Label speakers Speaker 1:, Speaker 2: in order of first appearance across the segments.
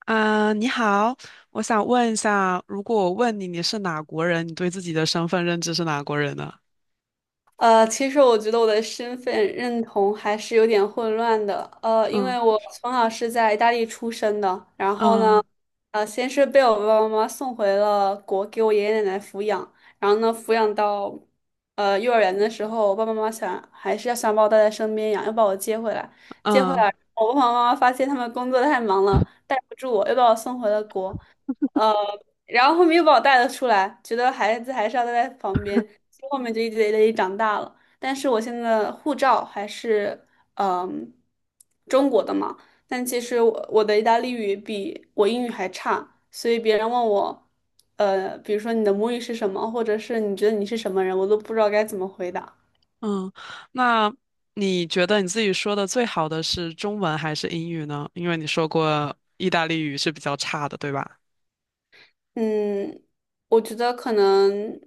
Speaker 1: 啊，你好，我想问一下，如果我问你你是哪国人，你对自己的身份认知是哪国人呢？
Speaker 2: 其实我觉得我的身份认同还是有点混乱的。因
Speaker 1: 嗯
Speaker 2: 为我从小是在意大利出生的，然后呢，
Speaker 1: 嗯
Speaker 2: 先是被我爸爸妈妈送回了国，给我爷爷奶奶抚养，然后呢，抚养到幼儿园的时候，我爸爸妈妈想还是要想把我带在身边养，要把我接回来，接回
Speaker 1: 嗯
Speaker 2: 来，我爸爸妈妈发现他们工作太忙了，带不住我，又把我送回了国。呃然后后面又把我带了出来，觉得孩子还是要待在旁边，所以后面就一直在那里长大了。但是我现在的护照还是嗯中国的嘛，但其实我的意大利语比我英语还差，所以别人问我，比如说你的母语是什么，或者是你觉得你是什么人，我都不知道该怎么回答。
Speaker 1: 嗯。那你觉得你自己说的最好的是中文还是英语呢？因为你说过意大利语是比较差的，对吧？
Speaker 2: 嗯，我觉得可能。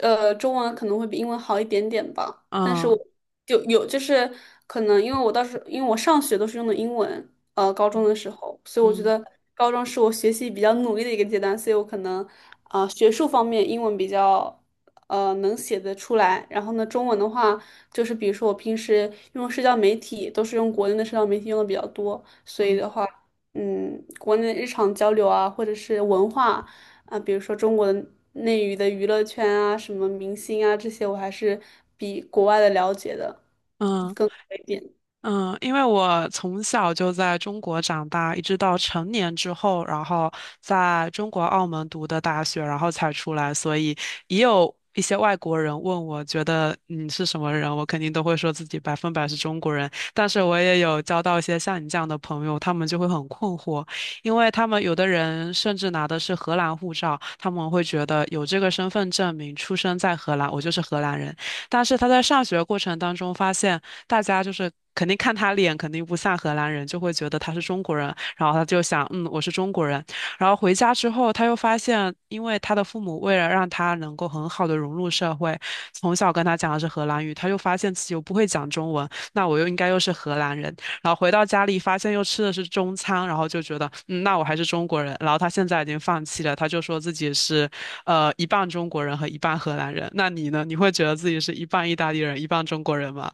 Speaker 2: 中文可能会比英文好一点点吧，但是我
Speaker 1: 嗯
Speaker 2: 就有就是可能因为我当时因为我上学都是用的英文，高中的时候，所以我觉
Speaker 1: 嗯
Speaker 2: 得高中是我学习比较努力的一个阶段，所以我可能学术方面英文比较能写得出来，然后呢，中文的话就是比如说我平时用社交媒体都是用国内的社交媒体用的比较多，所以
Speaker 1: 嗯
Speaker 2: 的话，国内日常交流啊，或者是文化。比如说中国的内娱的娱乐圈啊，什么明星啊这些，我还是比国外的了解的
Speaker 1: 嗯。
Speaker 2: 一点。
Speaker 1: 嗯，因为我从小就在中国长大，一直到成年之后，然后在中国澳门读的大学，然后才出来，所以也有一些外国人问我，觉得你是什么人，我肯定都会说自己百分百是中国人。但是我也有交到一些像你这样的朋友，他们就会很困惑，因为他们有的人甚至拿的是荷兰护照，他们会觉得有这个身份证明，出生在荷兰，我就是荷兰人。但是他在上学过程当中发现。大家就是肯定看他脸，肯定不像荷兰人，就会觉得他是中国人，然后他就想，嗯，我是中国人。然后回家之后，他又发现，因为他的父母为了让他能够很好的融入社会，从小跟他讲的是荷兰语，他又发现自己又不会讲中文，那我又应该又是荷兰人。然后回到家里，发现又吃的是中餐，然后就觉得，嗯，那我还是中国人。然后他现在已经放弃了，他就说自己是，一半中国人和一半荷兰人。那你呢？你会觉得自己是一半意大利人，一半中国人吗？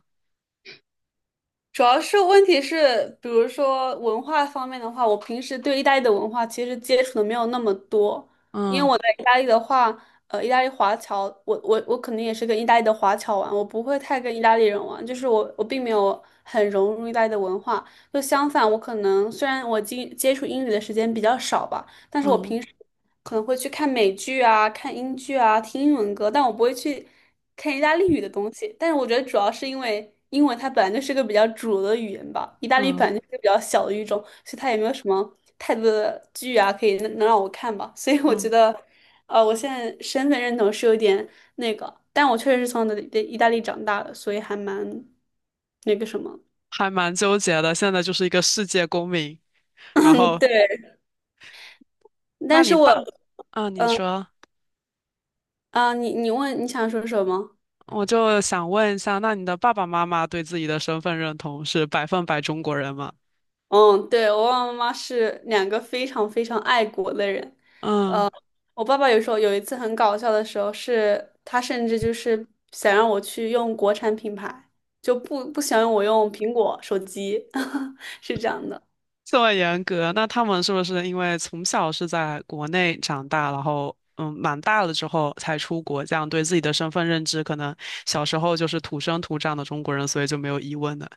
Speaker 2: 主要是问题是，比如说文化方面的话，我平时对意大利的文化其实接触的没有那么多，因为
Speaker 1: 嗯。
Speaker 2: 我在意大利的话，意大利华侨，我肯定也是跟意大利的华侨玩，我不会太跟意大利人玩，就是我并没有很融入意大利的文化，就相反，我可能虽然我接触英语的时间比较少吧。但是我
Speaker 1: 嗯
Speaker 2: 可能会去看美剧啊、看英剧啊、听英文歌，但我不会去看意大利语的东西。但是我觉得主要是因为英文它本来就是个比较主流的语言吧，意大利
Speaker 1: 嗯
Speaker 2: 本来就是个比较小的语种，所以它也没有什么太多的剧啊可以能能让我看吧。所以我觉
Speaker 1: 嗯。
Speaker 2: 得，我现在身份认同是有点那个，但我确实是从的意大利长大的，所以还蛮那个什么。
Speaker 1: 还蛮纠结的。现在就是一个世界公民。然
Speaker 2: 嗯，
Speaker 1: 后，
Speaker 2: 对。
Speaker 1: 那
Speaker 2: 但是
Speaker 1: 你
Speaker 2: 我
Speaker 1: 爸，啊，你说，
Speaker 2: 你问你想说什么？
Speaker 1: 我就想问一下，那你的爸爸妈妈对自己的身份认同是百分百中国人吗？
Speaker 2: 嗯，对，我爸爸妈妈是两个非常非常爱国的人。
Speaker 1: 嗯，
Speaker 2: 呃，我爸爸有时候有一次很搞笑的时候是，他甚至就是想让我去用国产品牌，就不想让我用苹果手机，是这样的。
Speaker 1: 这么严格，那他们是不是因为从小是在国内长大，然后蛮大了之后才出国，这样对自己的身份认知，可能小时候就是土生土长的中国人，所以就没有疑问的。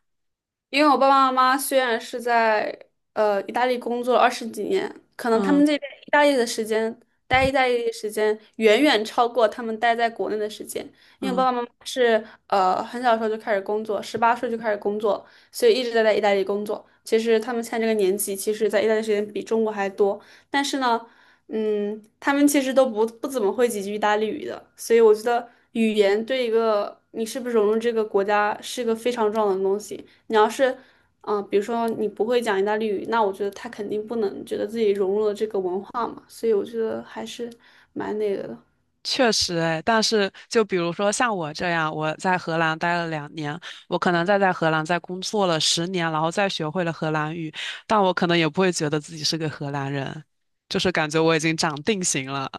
Speaker 2: 因为我爸爸妈妈虽然是在意大利工作了二十几年，可能他
Speaker 1: 嗯
Speaker 2: 们这边意大利的时间，待意大利的时间远远超过他们待在国内的时间。因为我爸
Speaker 1: 嗯。
Speaker 2: 爸妈妈是很小的时候就开始工作，十八岁就开始工作，所以一直在意大利工作。其实他们现在这个年纪，其实在意大利时间比中国还多，但是呢，他们其实都不怎么会几句意大利语的，所以我觉得语言对一个你是不是融入这个国家是一个非常重要的东西。你要是，比如说你不会讲意大利语，那我觉得他肯定不能觉得自己融入了这个文化嘛，所以我觉得还是蛮那个的。
Speaker 1: 确实哎，但是就比如说像我这样，我在荷兰待了2年，我可能再在荷兰再工作了十年，然后再学会了荷兰语，但我可能也不会觉得自己是个荷兰人，就是感觉我已经长定型了。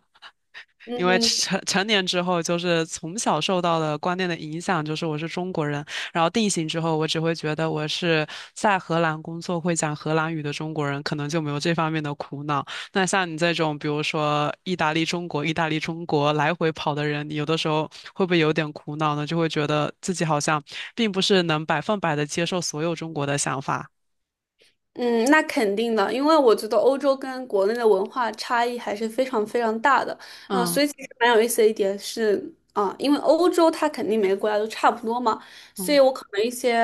Speaker 1: 因为
Speaker 2: 嗯，
Speaker 1: 成年之后，就是从小受到的观念的影响，就是我是中国人。然后定型之后，我只会觉得我是在荷兰工作会讲荷兰语的中国人，可能就没有这方面的苦恼。那像你这种，比如说意大利、中国、意大利、中国来回跑的人，你有的时候会不会有点苦恼呢？就会觉得自己好像并不是能百分百的接受所有中国的想法。
Speaker 2: 嗯，那肯定的，因为我觉得欧洲跟国内的文化差异还是非常非常大的。
Speaker 1: 嗯
Speaker 2: 所以其实蛮有意思的一点是，因为欧洲它肯定每个国家都差不多嘛，所以
Speaker 1: 嗯。
Speaker 2: 我可能一些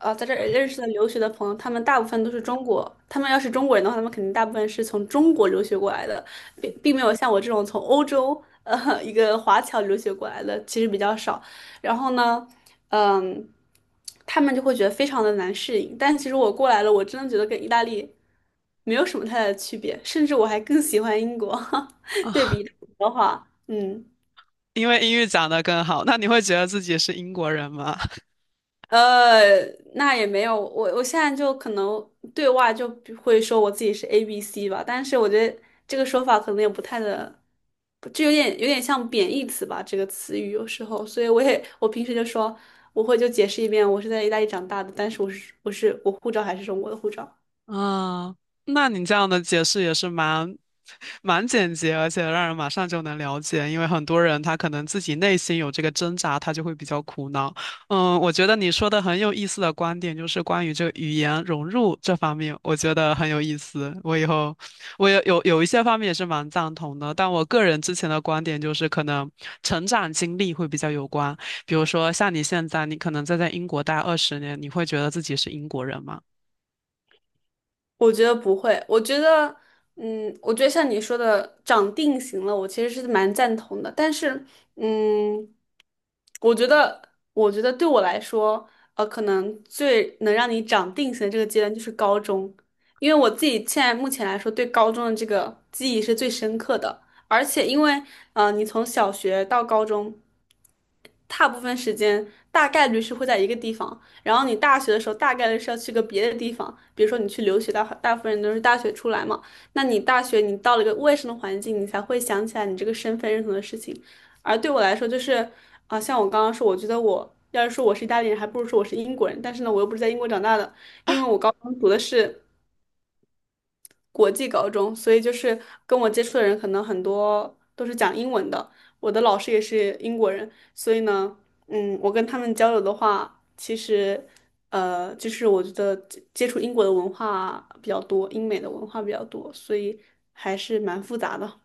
Speaker 2: 在这儿认识的留学的朋友，他们大部分都是中国，他们要是中国人的话，他们肯定大部分是从中国留学过来的，并没有像我这种从欧洲一个华侨留学过来的，其实比较少。然后呢？嗯，他们就会觉得非常的难适应。但其实我过来了，我真的觉得跟意大利没有什么太大的区别，甚至我还更喜欢英国。对比的话，
Speaker 1: 因为英语讲的更好，那你会觉得自己是英国人吗？
Speaker 2: 呃，那也没有，我现在就可能对外就会说我自己是 ABC 吧，但是我觉得这个说法可能也不太的，就有点像贬义词吧，这个词语有时候，所以我也我平时就说。我会就解释一遍，我是在意大利长大的，但是我护照还是中国的护照。
Speaker 1: 啊，那你这样的解释也是蛮简洁，而且让人马上就能了解。因为很多人他可能自己内心有这个挣扎，他就会比较苦恼。嗯，我觉得你说的很有意思的观点就是关于这个语言融入这方面，我觉得很有意思。我以后我也有一些方面也是蛮赞同的，但我个人之前的观点就是可能成长经历会比较有关。比如说像你现在，你可能再在英国待20年，你会觉得自己是英国人吗？
Speaker 2: 我觉得不会，我觉得，嗯，我觉得像你说的长定型了，我其实是蛮赞同的。但是，嗯，我觉得，我觉得对我来说，可能最能让你长定型的这个阶段就是高中，因为我自己现在目前来说，对高中的这个记忆是最深刻的。而且，因为，你从小学到高中，大部分时间大概率是会在一个地方。然后你大学的时候大概率是要去个别的地方，比如说你去留学，大部分人都是大学出来嘛。那你大学你到了一个陌生的环境，你才会想起来你这个身份认同的事情。而对我来说，就是像我刚刚说，我觉得我要是说我是意大利人，还不如说我是英国人。但是呢，我又不是在英国长大的，因为我高中读的是国际高中，所以就是跟我接触的人可能很多都是讲英文的。我的老师也是英国人，所以呢，我跟他们交流的话，其实就是我觉得接触英国的文化比较多，英美的文化比较多，所以还是蛮复杂的。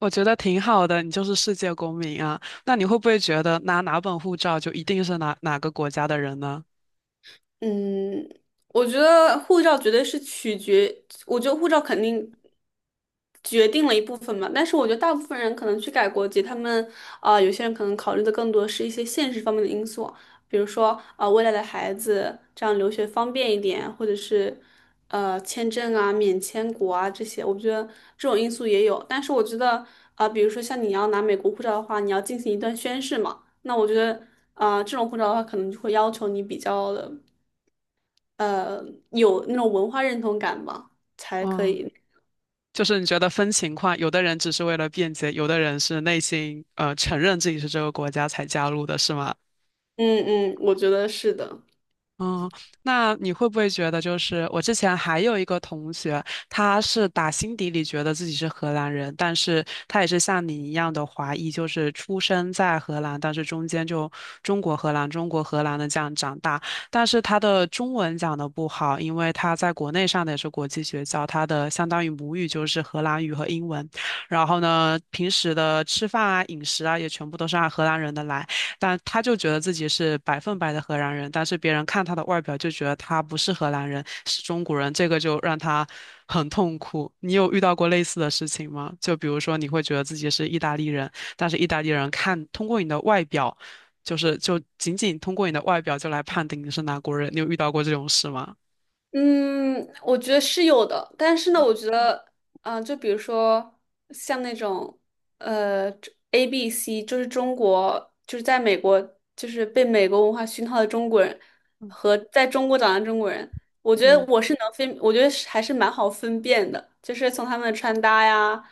Speaker 1: 我觉得挺好的，你就是世界公民啊。那你会不会觉得拿哪本护照就一定是哪个国家的人呢？
Speaker 2: 嗯，我觉得护照绝对是取决，我觉得护照肯定决定了一部分嘛。但是我觉得大部分人可能去改国籍，他们有些人可能考虑的更多是一些现实方面的因素，比如说未来的孩子这样留学方便一点，或者是签证啊、免签国啊这些，我觉得这种因素也有。但是我觉得比如说像你要拿美国护照的话，你要进行一段宣誓嘛，那我觉得这种护照的话，可能就会要求你比较的。呃有那种文化认同感吧，才可
Speaker 1: 嗯，
Speaker 2: 以。
Speaker 1: 就是你觉得分情况，有的人只是为了便捷，有的人是内心承认自己是这个国家才加入的，是吗？
Speaker 2: 嗯嗯，我觉得是的。
Speaker 1: 嗯，那你会不会觉得，就是我之前还有一个同学，他是打心底里觉得自己是荷兰人，但是他也是像你一样的华裔，就是出生在荷兰，但是中间就中国荷兰、中国荷兰的这样长大，但是他的中文讲的不好，因为他在国内上的也是国际学校，他的相当于母语就是荷兰语和英文，然后呢，平时的吃饭啊、饮食啊也全部都是按荷兰人的来。但他就觉得自己是百分百的荷兰人，但是别人看他的外表就觉得他不是荷兰人，是中国人，这个就让他很痛苦。你有遇到过类似的事情吗？就比如说你会觉得自己是意大利人，但是意大利人看通过你的外表，就是就仅仅通过你的外表就来判定你是哪国人，你有遇到过这种事吗？
Speaker 2: 嗯，我觉得是有的，但是呢，我觉得，就比如说像那种，呃，ABC,就是中国，就是在美国，就是被美国文化熏陶的中国人和在中国长大的中国人，我觉得
Speaker 1: 嗯
Speaker 2: 我是能分，我觉得是还是蛮好分辨的，就是从他们的穿搭呀，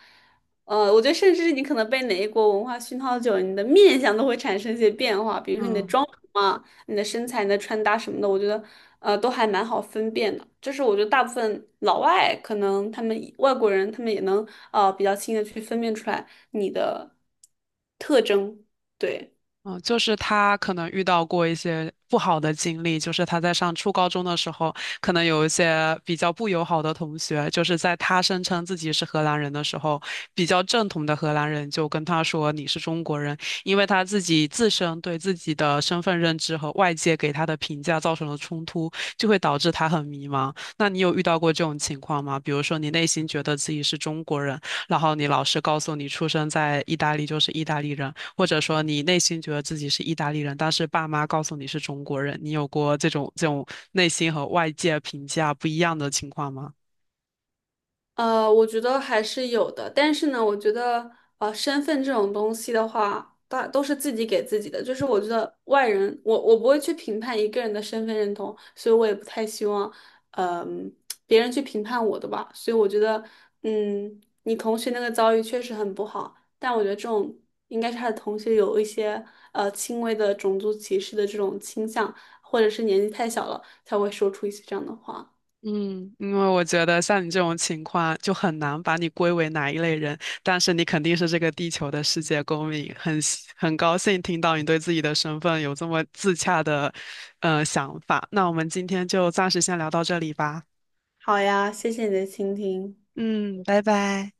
Speaker 2: 我觉得甚至是你可能被哪一国文化熏陶久了，你的面相都会产生一些变化，比如说你的
Speaker 1: 嗯。
Speaker 2: 妆容啊。你的身材、你的穿搭什么的，我觉得都还蛮好分辨的。就是我觉得大部分老外可能他们外国人他们也能比较轻易的去分辨出来你的特征。对。
Speaker 1: 嗯，就是他可能遇到过一些不好的经历，就是他在上初高中的时候，可能有一些比较不友好的同学，就是在他声称自己是荷兰人的时候，比较正统的荷兰人就跟他说你是中国人，因为他自己自身对自己的身份认知和外界给他的评价造成了冲突，就会导致他很迷茫。那你有遇到过这种情况吗？比如说你内心觉得自己是中国人，然后你老师告诉你出生在意大利就是意大利人。或者说你内心觉得自己是意大利人，但是爸妈告诉你是中国人，你有过这种内心和外界评价不一样的情况吗？
Speaker 2: 我觉得还是有的，但是呢，我觉得身份这种东西的话，大都是自己给自己的。就是我觉得外人，我不会去评判一个人的身份认同，所以我也不太希望，嗯、别人去评判我的吧。所以我觉得，嗯，你同学那个遭遇确实很不好，但我觉得这种应该是他的同学有一些轻微的种族歧视的这种倾向，或者是年纪太小了才会说出一些这样的话。
Speaker 1: 嗯，因为我觉得像你这种情况就很难把你归为哪一类人，但是你肯定是这个地球的世界公民，很高兴听到你对自己的身份有这么自洽的想法。那我们今天就暂时先聊到这里吧。
Speaker 2: 好呀，谢谢你的倾听。
Speaker 1: 嗯，拜拜。